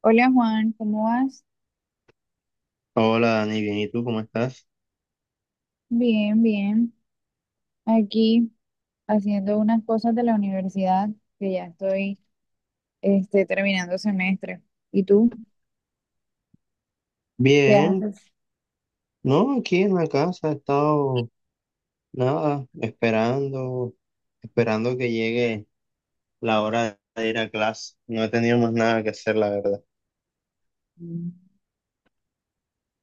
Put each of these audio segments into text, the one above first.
Hola Juan, ¿cómo vas? Hola Dani, bien, ¿y tú cómo estás? Bien, bien. Aquí haciendo unas cosas de la universidad que ya estoy terminando semestre. ¿Y tú qué Bien, haces? no, aquí en la casa he estado nada, esperando, esperando que llegue la hora de ir a clase. No he tenido más nada que hacer, la verdad. Mm.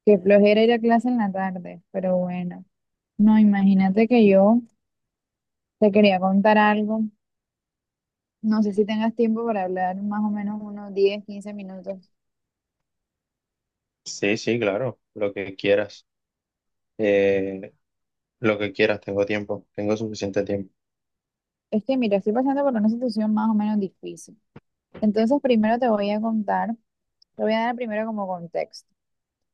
Qué flojera ir a clase en la tarde, pero bueno. No, imagínate que yo te quería contar algo. No sé si tengas tiempo para hablar más o menos unos 10, 15 minutos. Sí, sí, claro, lo que quieras. Eh, lo que quieras, tengo tiempo, tengo suficiente tiempo. Es que mira, estoy pasando por una situación más o menos difícil. Entonces primero te voy a contar, te voy a dar primero como contexto.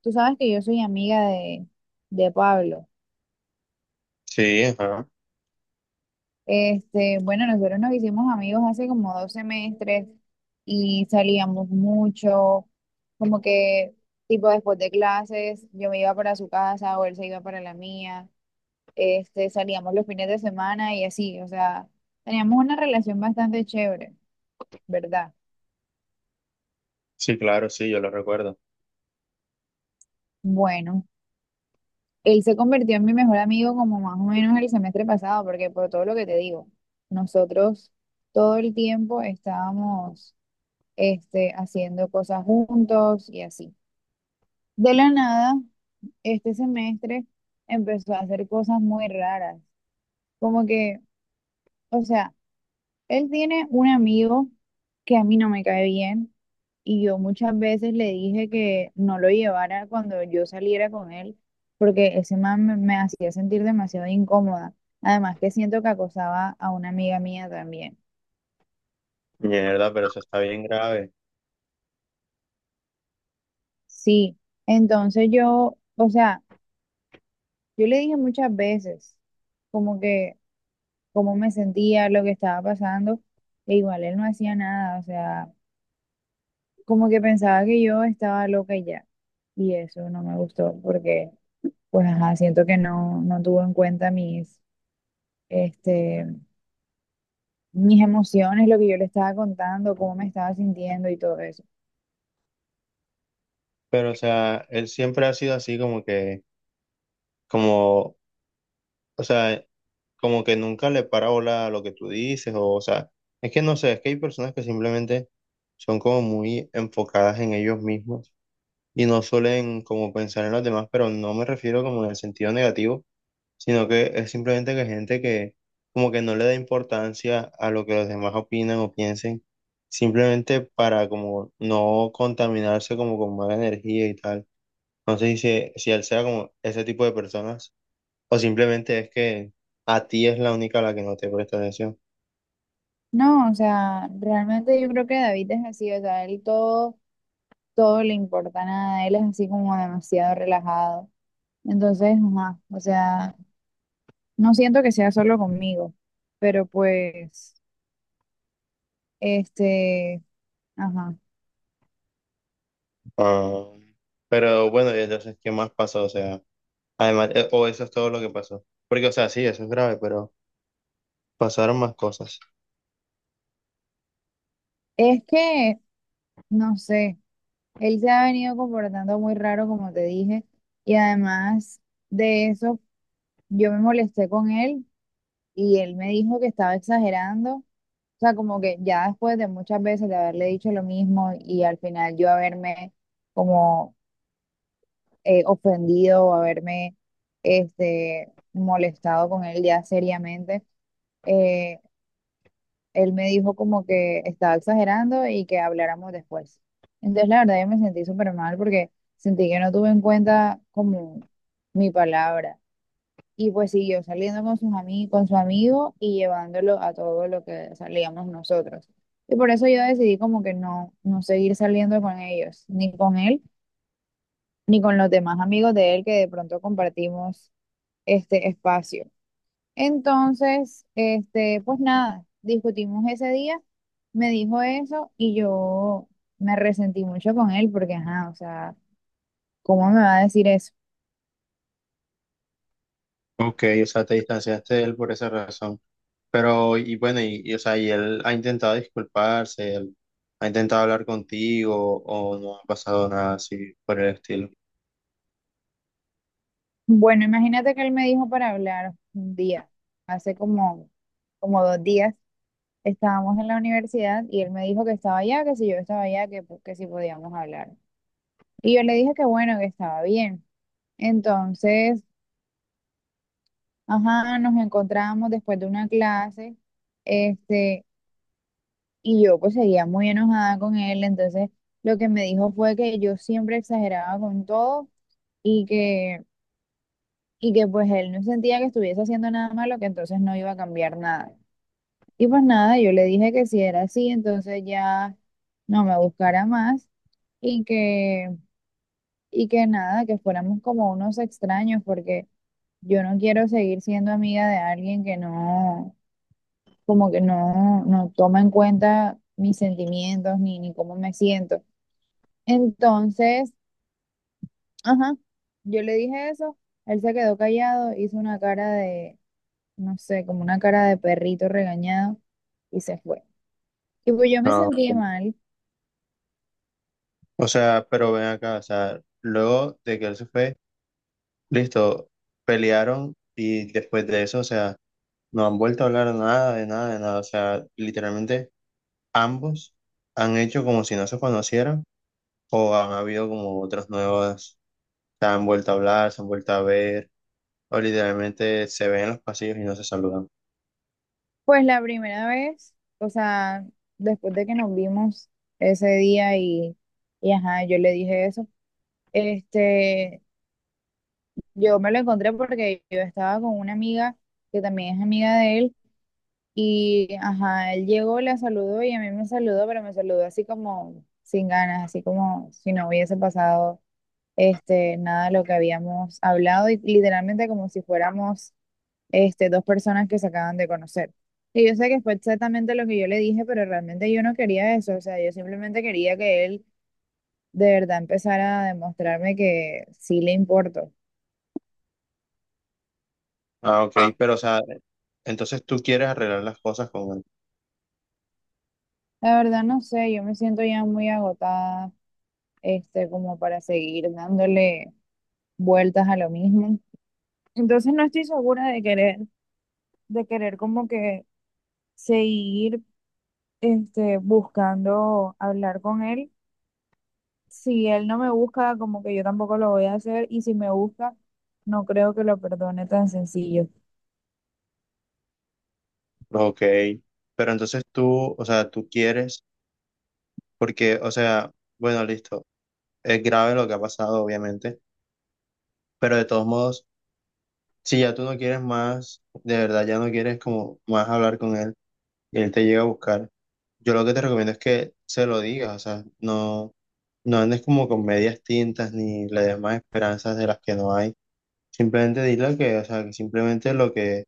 Tú sabes que yo soy amiga de Pablo. Sí, ajá. Bueno, nosotros nos hicimos amigos hace como dos semestres y salíamos mucho, como que tipo después de clases, yo me iba para su casa o él se iba para la mía. Salíamos los fines de semana y así, o sea, teníamos una relación bastante chévere, ¿verdad? Sí, claro, sí, yo lo recuerdo. Bueno, él se convirtió en mi mejor amigo como más o menos el semestre pasado, porque por todo lo que te digo, nosotros todo el tiempo estábamos haciendo cosas juntos y así. De la nada, este semestre empezó a hacer cosas muy raras, como que, o sea, él tiene un amigo que a mí no me cae bien y yo muchas veces le dije que no lo llevara cuando yo saliera con él porque ese man me hacía sentir demasiado incómoda. Además que siento que acosaba a una amiga mía también. Mierda, pero eso está bien grave. Sí, entonces yo, o sea, yo le dije muchas veces como que cómo me sentía, lo que estaba pasando, e igual él no hacía nada, o sea, como que pensaba que yo estaba loca y ya. Y eso no me gustó porque, pues, ajá, siento que no, no tuvo en cuenta este, mis emociones, lo que yo le estaba contando, cómo me estaba sintiendo y todo eso. Pero, o sea, él siempre ha sido así como que, como o sea, como que nunca le para bola a lo que tú dices, o sea, es que no sé, es que hay personas que simplemente son como muy enfocadas en ellos mismos y no suelen como pensar en los demás, pero no me refiero como en el sentido negativo, sino que es simplemente que gente que como que no le da importancia a lo que los demás opinan o piensen, simplemente para como no contaminarse como con mala energía y tal. No sé si él sea como ese tipo de personas. O simplemente es que a ti es la única a la que no te presta atención. No, o sea, realmente yo creo que David es así, o sea, él todo le importa nada, él es así como demasiado relajado. Entonces, ajá, o sea, no siento que sea solo conmigo, pero pues, este, ajá. Ah, pero bueno, y entonces, ¿qué más pasó? O sea, además, o eso es todo lo que pasó. Porque, o sea, sí, eso es grave, pero pasaron más cosas. Es que, no sé. Él se ha venido comportando muy raro, como te dije, y además de eso, yo me molesté con él y él me dijo que estaba exagerando. O sea, como que ya después de muchas veces de haberle dicho lo mismo y al final yo haberme como ofendido o haberme molestado con él ya seriamente, eh, él me dijo como que estaba exagerando y que habláramos después. Entonces, la verdad, yo me sentí súper mal porque sentí que no tuve en cuenta como mi palabra. Y pues siguió saliendo con sus ami con su amigo y llevándolo a todo lo que salíamos nosotros. Y por eso yo decidí como que no, no seguir saliendo con ellos, ni con él, ni con los demás amigos de él que de pronto compartimos este espacio. Entonces, pues nada, discutimos ese día, me dijo eso y yo me resentí mucho con él porque, ajá, o sea, ¿cómo me va a decir eso? Ok, o sea, te distanciaste de él por esa razón. Pero, y bueno, o sea, y él ha intentado disculparse, él ha intentado hablar contigo, o no ha pasado nada así por el estilo. Bueno, imagínate que él me dijo para hablar un día, hace como dos días, estábamos en la universidad y él me dijo que estaba allá, que si yo estaba allá, que si podíamos hablar. Y yo le dije que bueno, que estaba bien. Entonces, ajá, nos encontramos después de una clase. Este, Y yo pues seguía muy enojada con él, entonces lo que me dijo fue que yo siempre exageraba con todo y que, y que pues él no sentía que estuviese haciendo nada malo, que entonces no iba a cambiar nada. Y pues nada, yo le dije que si era así, entonces ya no me buscara más y que, y que nada, que fuéramos como unos extraños, porque yo no quiero seguir siendo amiga de alguien que no, como que no, no toma en cuenta mis sentimientos ni cómo me siento. Entonces, ajá, yo le dije eso, él se quedó callado, hizo una cara de, no sé, como una cara de perrito regañado y se fue. Y pues yo me No. sentí mal, O sea, pero ven acá, o sea, luego de que él se fue. Listo, pelearon y después de eso, o sea, no han vuelto a hablar nada, de nada, de nada. O sea, literalmente ambos han hecho como si no se conocieran o han habido como otras nuevas, se han vuelto a hablar, se han vuelto a ver o literalmente se ven en los pasillos y no se saludan. pues la primera vez, o sea, después de que nos vimos ese día y ajá, yo le dije eso, este, yo me lo encontré porque yo estaba con una amiga que también es amiga de él. Y, ajá, él llegó, la saludó y a mí me saludó, pero me saludó así como sin ganas, así como si no hubiese pasado nada de lo que habíamos hablado y literalmente como si fuéramos dos personas que se acaban de conocer. Y yo sé que fue exactamente lo que yo le dije, pero realmente yo no quería eso, o sea, yo simplemente quería que él de verdad empezara a demostrarme que sí le importo. Ah, ok, pero o sea, entonces tú quieres arreglar las cosas con él. La verdad no sé, yo me siento ya muy agotada, como para seguir dándole vueltas a lo mismo. Entonces no estoy segura de querer, como que seguir buscando hablar con él. Si él no me busca, como que yo tampoco lo voy a hacer, y si me busca, no creo que lo perdone tan sencillo. Ok, pero entonces tú, o sea, tú quieres, porque, o sea, bueno, listo, es grave lo que ha pasado, obviamente, pero de todos modos... Si ya tú no quieres más, de verdad ya no quieres como más hablar con él y él te llega a buscar, yo lo que te recomiendo es que se lo digas, o sea, no, no andes como con medias tintas ni le des más esperanzas de las que no hay. Simplemente dile que, o sea, que simplemente lo que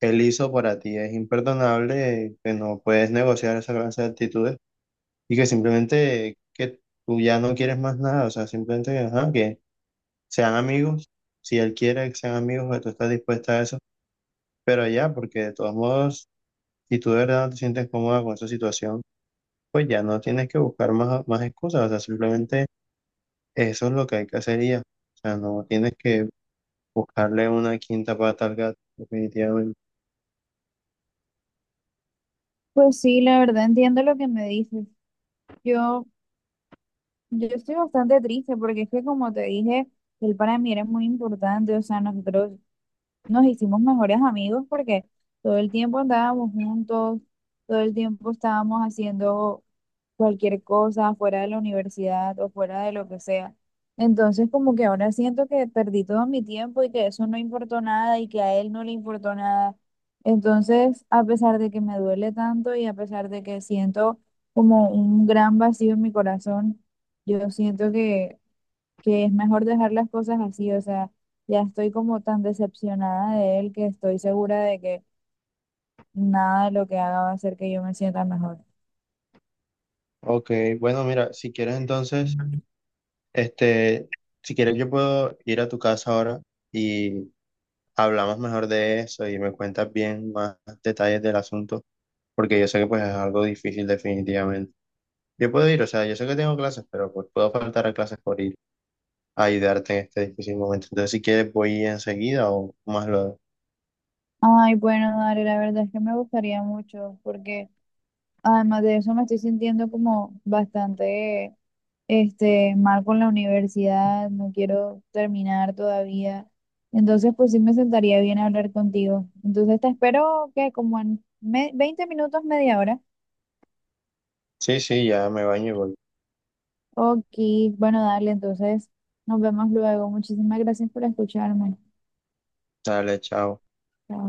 él hizo para ti es imperdonable, que no puedes negociar esa clase de actitudes y que simplemente que tú ya no quieres más nada, o sea, simplemente que, ajá, que sean amigos, si él quiere que sean amigos, que tú estás dispuesta a eso. Pero ya, porque de todos modos, si tú de verdad no te sientes cómoda con esa situación, pues ya no tienes que buscar más excusas, o sea, simplemente eso es lo que hay que hacer y ya. O sea, no tienes que buscarle una quinta pata al gato, definitivamente. Pues sí, la verdad entiendo lo que me dices. Yo, yo estoy bastante triste porque es que como te dije, él para mí era muy importante, o sea, nosotros nos hicimos mejores amigos porque todo el tiempo andábamos juntos, todo el tiempo estábamos haciendo cualquier cosa fuera de la universidad o fuera de lo que sea. Entonces como que ahora siento que perdí todo mi tiempo y que eso no importó nada y que a él no le importó nada. Entonces, a pesar de que me duele tanto y a pesar de que siento como un gran vacío en mi corazón, yo siento que es mejor dejar las cosas así, o sea, ya estoy como tan decepcionada de él que estoy segura de que nada de lo que haga va a hacer que yo me sienta mejor. Ok, bueno, mira, si quieres entonces, este, si quieres yo puedo ir a tu casa ahora y hablamos mejor de eso y me cuentas bien más detalles del asunto, porque yo sé que pues es algo difícil definitivamente. Yo puedo ir, o sea, yo sé que tengo clases, pero pues puedo faltar a clases por ir a ayudarte en este difícil momento. Entonces, si quieres, voy enseguida o más luego. Ay, bueno, Dari, la verdad es que me gustaría mucho, porque además de eso me estoy sintiendo como bastante, mal con la universidad, no quiero terminar todavía. Entonces, pues sí me sentaría bien hablar contigo. Entonces, te espero que como en 20 minutos, media hora. Sí, sí, ya me baño y voy. Ok, bueno, dale, entonces nos vemos luego. Muchísimas gracias por escucharme. Dale, chao. Chao.